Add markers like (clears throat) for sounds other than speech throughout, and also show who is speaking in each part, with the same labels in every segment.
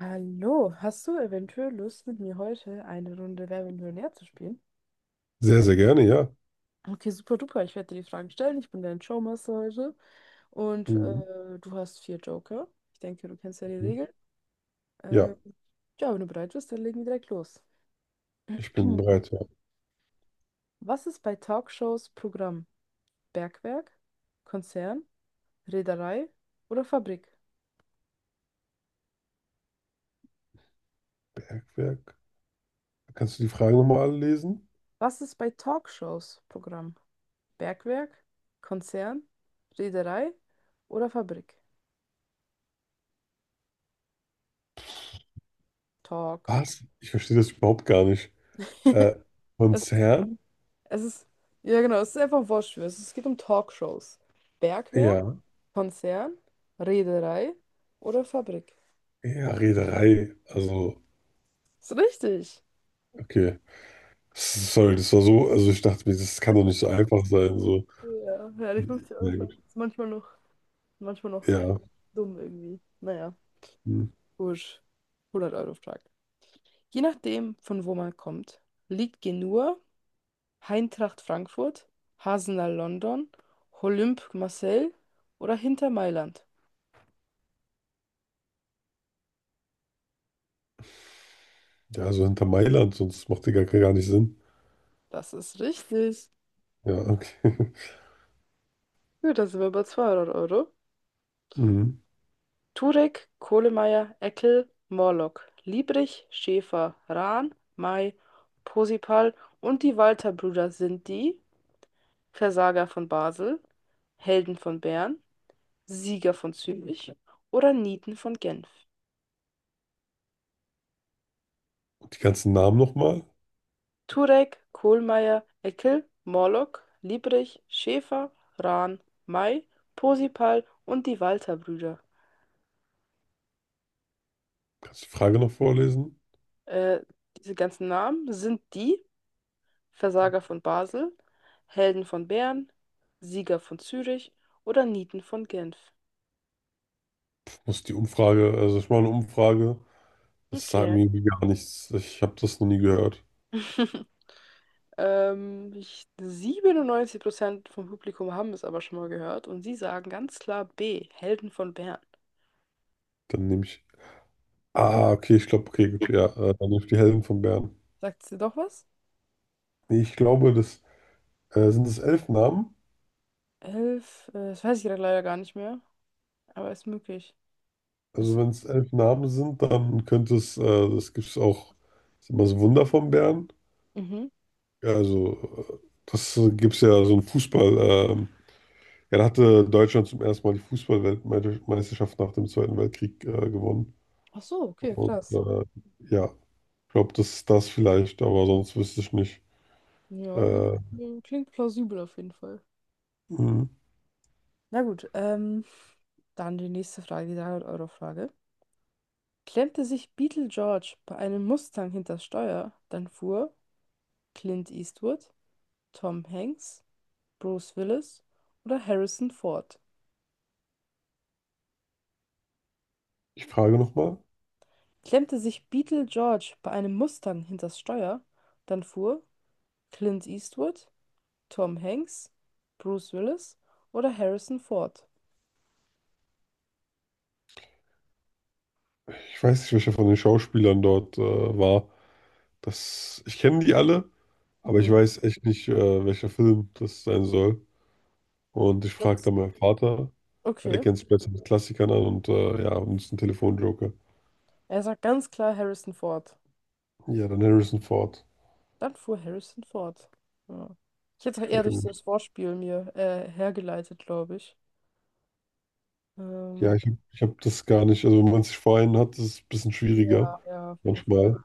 Speaker 1: Hallo, hast du eventuell Lust, mit mir heute eine Runde Wer wird Millionär zu spielen?
Speaker 2: Sehr, sehr gerne, ja.
Speaker 1: Okay, super duper. Ich werde dir die Fragen stellen. Ich bin dein Showmaster heute. Und
Speaker 2: Mhm.
Speaker 1: du hast vier Joker. Ich denke, du kennst ja die Regeln.
Speaker 2: Ja,
Speaker 1: Äh, ja, wenn du bereit bist, dann legen wir direkt los.
Speaker 2: ich bin
Speaker 1: (clears throat)
Speaker 2: bereit. Ja.
Speaker 1: Was ist bei Talkshows Programm? Bergwerk, Konzern, Reederei oder Fabrik?
Speaker 2: Bergwerk. Kannst du die Fragen nochmal alle lesen?
Speaker 1: Was ist bei Talkshows Programm? Bergwerk, Konzern, Reederei oder Fabrik? Talk.
Speaker 2: Was? Ich verstehe das überhaupt gar nicht. Äh,
Speaker 1: (laughs) Es,
Speaker 2: Konzern?
Speaker 1: es ist, ja genau, es ist einfach wurscht. Es geht um Talkshows. Bergwerk,
Speaker 2: Ja.
Speaker 1: Konzern, Reederei oder Fabrik.
Speaker 2: Ja, Reederei. Also,
Speaker 1: Ist richtig.
Speaker 2: okay. Sorry, das war so, also ich dachte mir, das kann doch nicht so einfach sein. So.
Speaker 1: Ja, ja, die 50-Euro
Speaker 2: Na
Speaker 1: Frage
Speaker 2: gut.
Speaker 1: ist manchmal noch sehr
Speaker 2: Ja.
Speaker 1: dumm irgendwie. Naja,
Speaker 2: Hm.
Speaker 1: gut. 100-Euro Frage. Je nachdem, von wo man kommt, liegt Genua, Eintracht Frankfurt, Hasenal London, Olympique Marseille oder hinter Mailand.
Speaker 2: Ja, also hinter Mailand, sonst macht die gar, gar nicht Sinn.
Speaker 1: Das ist richtig.
Speaker 2: Ja, okay. (laughs)
Speaker 1: Gut, da sind wir bei 200 Euro.
Speaker 2: Mhm.
Speaker 1: Turek, Kohlemeier, Eckel, Morlock, Liebrich, Schäfer, Rahn, May, Posipal und die Walter-Brüder sind die Versager von Basel, Helden von Bern, Sieger von Zürich oder Nieten von Genf.
Speaker 2: Und die ganzen Namen nochmal?
Speaker 1: Turek, Kohlmeier, Eckel, Morlock, Liebrich, Schäfer, Rahn, May, Posipal und die Walter-Brüder.
Speaker 2: Kannst du die Frage noch vorlesen?
Speaker 1: Äh, Diese ganzen Namen sind die Versager von Basel, Helden von Bern, Sieger von Zürich oder Nieten von Genf.
Speaker 2: Muss die Umfrage, also ich mache eine Umfrage. Das sagt
Speaker 1: Okay.
Speaker 2: mir irgendwie gar nichts. Ich habe das noch nie gehört.
Speaker 1: (laughs) 97% vom Publikum haben es aber schon mal gehört und sie sagen ganz klar B, Helden von Bern.
Speaker 2: Dann nehme ich. Ah, okay, ich glaube, okay, gut, ja. Dann nehme ich die Helden von Bern.
Speaker 1: Sagt sie doch was?
Speaker 2: Nee, ich glaube, das sind es elf Namen.
Speaker 1: Elf, das weiß ich gerade leider gar nicht mehr, aber ist möglich.
Speaker 2: Also
Speaker 1: Achso,
Speaker 2: wenn es elf Namen sind, dann könnte es, das gibt es auch, ist immer das Wunder von Bern.
Speaker 1: mhm.
Speaker 2: Ja, also das gibt es ja so ein Fußball. ähm, ja, da hatte Deutschland zum ersten Mal die Fußballweltmeisterschaft nach dem Zweiten Weltkrieg gewonnen.
Speaker 1: Ach so, okay,
Speaker 2: Und
Speaker 1: krass.
Speaker 2: ja, ich glaube, das ist das vielleicht, aber sonst wüsste ich nicht.
Speaker 1: Ja, wird-
Speaker 2: Äh,
Speaker 1: Klingt plausibel auf jeden Fall.
Speaker 2: mh.
Speaker 1: Na gut, dann die nächste Frage, die 300-Euro-Frage. Klemmte sich Beetle George bei einem Mustang hinters Steuer, dann fuhr Clint Eastwood, Tom Hanks, Bruce Willis oder Harrison Ford?
Speaker 2: Ich frage nochmal.
Speaker 1: Klemmte sich Beetle George bei einem Mustang hinters Steuer, dann fuhr Clint Eastwood, Tom Hanks, Bruce Willis oder Harrison Ford?
Speaker 2: Ich weiß nicht, welcher von den Schauspielern dort war. Das, ich kenne die alle, aber ich
Speaker 1: Mhm.
Speaker 2: weiß echt nicht, welcher Film das sein soll. Und ich
Speaker 1: Ich glaub,
Speaker 2: frage
Speaker 1: das-
Speaker 2: dann meinen Vater, weil der
Speaker 1: Okay,
Speaker 2: kennt sich besser mit Klassikern an und ja, und ist ein Telefonjoker.
Speaker 1: er sagt ganz klar Harrison Ford.
Speaker 2: Ja, dann Harrison Ford.
Speaker 1: Dann fuhr Harrison Ford. Ja. Ich hätte es auch
Speaker 2: Ja,
Speaker 1: eher durch so
Speaker 2: gut.
Speaker 1: das Wortspiel mir hergeleitet, glaube ich.
Speaker 2: Ja,
Speaker 1: Ähm.
Speaker 2: ich habe das gar nicht. Also, wenn man sich vor einen hat, ist es ein bisschen schwieriger
Speaker 1: Ja, ja, auf jeden Fall.
Speaker 2: manchmal.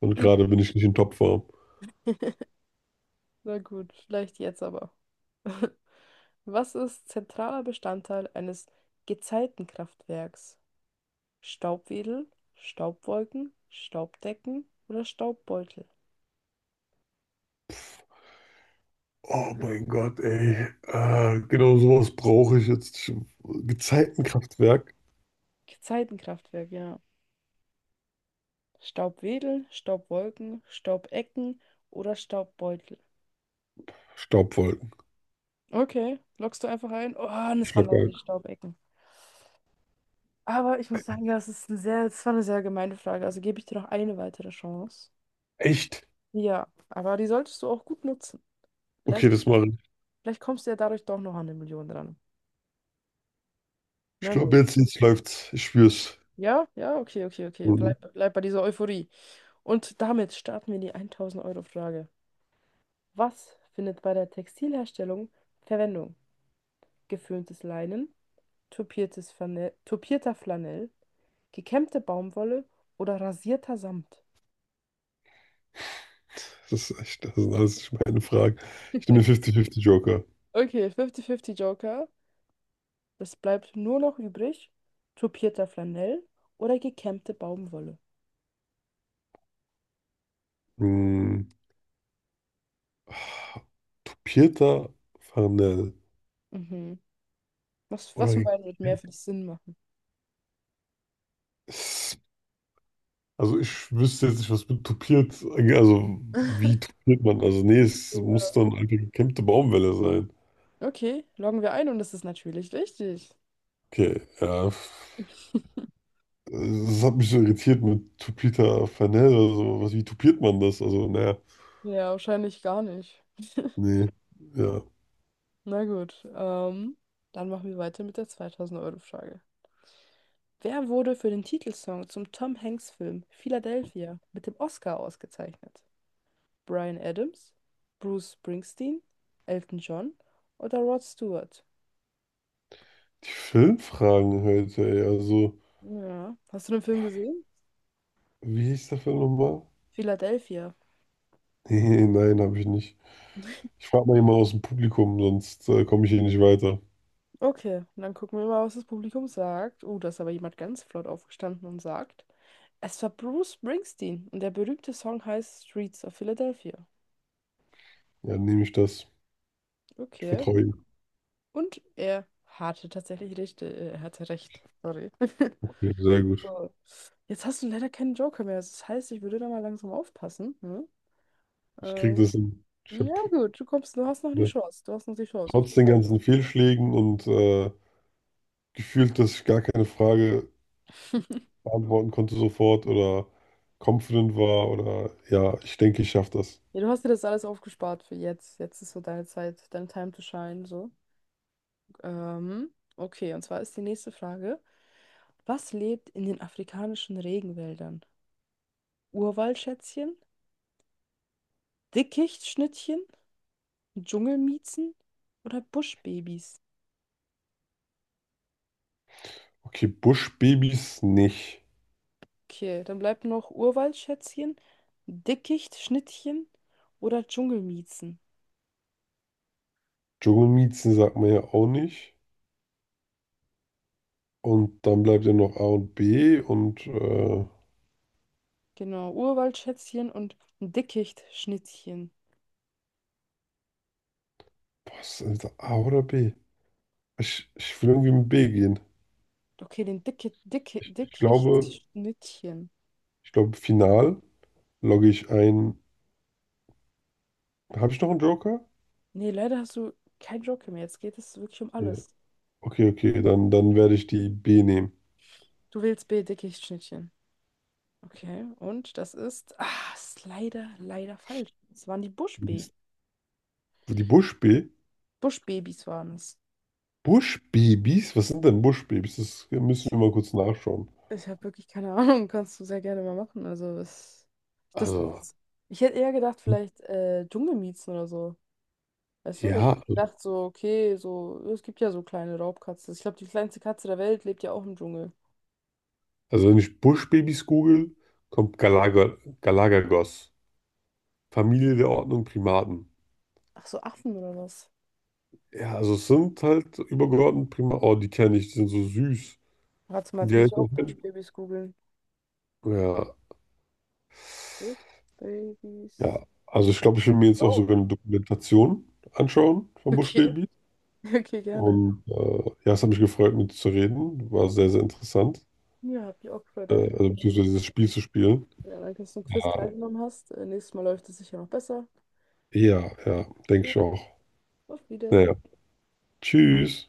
Speaker 2: Und gerade bin ich nicht in Topform.
Speaker 1: (laughs) Na gut, vielleicht jetzt aber. (laughs) Was ist zentraler Bestandteil eines Gezeitenkraftwerks? Staubwedel, Staubwolken, Staubdecken oder Staubbeutel?
Speaker 2: Oh mein Gott, ey. Genau sowas brauche ich jetzt. Gezeitenkraftwerk.
Speaker 1: Gezeitenkraftwerk, ja. Staubwedel, Staubwolken, Staubecken oder Staubbeutel.
Speaker 2: Staubwolken.
Speaker 1: Okay, loggst du einfach ein? Oh, und
Speaker 2: Ich
Speaker 1: es waren leider die
Speaker 2: glaube.
Speaker 1: Staubecken. Aber ich muss sagen, das ist eine sehr, das war eine sehr gemeine Frage. Also gebe ich dir noch eine weitere Chance.
Speaker 2: Echt?
Speaker 1: Ja, aber die solltest du auch gut nutzen.
Speaker 2: Okay,
Speaker 1: Vielleicht,
Speaker 2: das mache ich.
Speaker 1: Vielleicht kommst du ja dadurch doch noch an 1 Million dran.
Speaker 2: Ich
Speaker 1: Na gut.
Speaker 2: glaube, jetzt läuft's. Ich spür's.
Speaker 1: Ja, ja, okay, okay, okay.
Speaker 2: Mhm.
Speaker 1: Bleib bei dieser Euphorie. Und damit starten wir in die 1000-Euro-Frage. Was findet bei der Textilherstellung Verwendung? Geföhntes Leinen, tupierter Flanell, gekämmte Baumwolle oder rasierter Samt?
Speaker 2: Das ist echt, das sind alles nicht meine Fragen. Ich nehme den 50-50 Joker.
Speaker 1: Okay, 50-50 Joker. Es bleibt nur noch übrig, tupierter Flanell oder gekämmte Baumwolle.
Speaker 2: Mhm. Ach, Pieter Farnell.
Speaker 1: Mhm. Was, was von
Speaker 2: Oder
Speaker 1: beiden wird mehr für dich Sinn machen?
Speaker 2: es-, also ich wüsste jetzt nicht, was mit tupiert, also wie
Speaker 1: (laughs)
Speaker 2: tupiert man? Also nee, es muss
Speaker 1: Ja.
Speaker 2: dann eine gekämmte Baumwelle sein.
Speaker 1: Okay, loggen wir ein und das ist natürlich richtig.
Speaker 2: Okay, ja.
Speaker 1: (laughs)
Speaker 2: Das hat mich so irritiert mit Tupita Fanel oder so. Was, wie tupiert man das? Also, naja,
Speaker 1: Ja, wahrscheinlich gar nicht.
Speaker 2: nee, ja.
Speaker 1: Na gut, dann machen wir weiter mit der 2000-Euro-Frage. Wer wurde für den Titelsong zum Tom Hanks-Film Philadelphia mit dem Oscar ausgezeichnet? Bryan Adams, Bruce Springsteen, Elton John oder Rod Stewart?
Speaker 2: Die Filmfragen heute, ey. Also,
Speaker 1: Ja, hast du den Film gesehen?
Speaker 2: wie hieß der Film nochmal? (laughs)
Speaker 1: Philadelphia.
Speaker 2: Nee, nein, habe ich nicht. Ich frage mal jemanden aus dem Publikum, sonst komme ich hier nicht weiter.
Speaker 1: Okay, dann gucken wir mal, was das Publikum sagt. Oh, da ist aber jemand ganz flott aufgestanden und sagt, es war Bruce Springsteen und der berühmte Song heißt Streets of Philadelphia.
Speaker 2: Ja, nehme ich das. Ich
Speaker 1: Okay.
Speaker 2: vertraue ihm.
Speaker 1: Und er hatte tatsächlich recht. Er hatte recht. Sorry. (laughs)
Speaker 2: Ja, sehr gut.
Speaker 1: So. Jetzt hast du leider keinen Joker mehr. Das heißt, ich würde da mal langsam aufpassen. Hm?
Speaker 2: Ich kriege
Speaker 1: Ähm,
Speaker 2: das hin. Ich habe
Speaker 1: ja gut, du hast noch die
Speaker 2: ja,
Speaker 1: Chance. Du hast noch die Chance auf
Speaker 2: trotz den
Speaker 1: die.
Speaker 2: ganzen Fehlschlägen und gefühlt, dass ich gar keine Frage beantworten konnte sofort oder confident war oder ja, ich denke, ich schaffe das.
Speaker 1: Ja, du hast dir das alles aufgespart für jetzt. Jetzt ist so deine Zeit, dein Time to shine, so. Okay, und zwar ist die nächste Frage. Was lebt in den afrikanischen Regenwäldern? Urwaldschätzchen, Dickichtschnittchen, Dschungelmiezen oder Buschbabys?
Speaker 2: Okay, Buschbabys nicht.
Speaker 1: Okay, dann bleibt noch Urwaldschätzchen, Dickichtschnittchen oder Dschungelmiezen.
Speaker 2: Dschungelmiezen sagt man ja auch nicht. Und dann bleibt ja noch A und B und
Speaker 1: Genau, Urwaldschätzchen und Dickichtschnittchen.
Speaker 2: was ist A oder B? Ich will irgendwie mit B gehen.
Speaker 1: Okay, den
Speaker 2: Ich, ich glaube,
Speaker 1: Dickichtschnittchen.
Speaker 2: ich glaube, final logge ich ein. Habe ich noch einen Joker?
Speaker 1: Nee, leider hast du kein Joker mehr. Jetzt geht es wirklich um
Speaker 2: Ja.
Speaker 1: alles.
Speaker 2: Okay, okay, dann werde ich die B nehmen.
Speaker 1: Du wählst B, Dickichtschnittchen. Okay, und das ist, ah, ist leider falsch. Es waren die Buschbabys.
Speaker 2: Mist. Die Buschbee?
Speaker 1: Buschbabys waren es.
Speaker 2: Buschbabys? Was sind denn Buschbabys? Das müssen wir mal kurz nachschauen.
Speaker 1: Ich habe wirklich keine (laughs) Ahnung, kannst du sehr gerne mal machen. Das,
Speaker 2: Also,
Speaker 1: das, Ich hätte eher gedacht, vielleicht Dschungelmiezen oder so. Weißt du, weil ich
Speaker 2: ja,
Speaker 1: hätte gedacht, so, okay, so, es gibt ja so kleine Raubkatzen. Ich glaube, die kleinste Katze der Welt lebt ja auch im Dschungel.
Speaker 2: also wenn ich Buschbabys google, kommt Galaga, Galagagos, Familie der Ordnung Primaten.
Speaker 1: Ach so, Affen oder was?
Speaker 2: Ja, also es sind halt übergeordnet prima. Oh, die kenne ich, die sind so süß.
Speaker 1: Warte mal,
Speaker 2: Und
Speaker 1: jetzt
Speaker 2: die
Speaker 1: muss ich auch
Speaker 2: helfen.
Speaker 1: Buschbabys googeln.
Speaker 2: Ja,
Speaker 1: Buschbabys.
Speaker 2: ja. Also ich glaube, ich will mir jetzt auch
Speaker 1: Oh,
Speaker 2: sogar eine Dokumentation anschauen von
Speaker 1: okay,
Speaker 2: Buschbaby.
Speaker 1: (laughs) okay, gerne.
Speaker 2: Und ja, es hat mich gefreut, mit dir zu reden. War sehr, sehr interessant.
Speaker 1: Ja, hab ich auch gefreut, danke.
Speaker 2: Also beziehungsweise dieses Spiel zu spielen.
Speaker 1: Ja, danke, dass du am Quiz
Speaker 2: Ja,
Speaker 1: teilgenommen hast. Nächstes Mal läuft es sicher noch besser.
Speaker 2: ja, ja, denke
Speaker 1: Ja,
Speaker 2: ich auch.
Speaker 1: auf
Speaker 2: Naja,
Speaker 1: Wiedersehen.
Speaker 2: tschüss.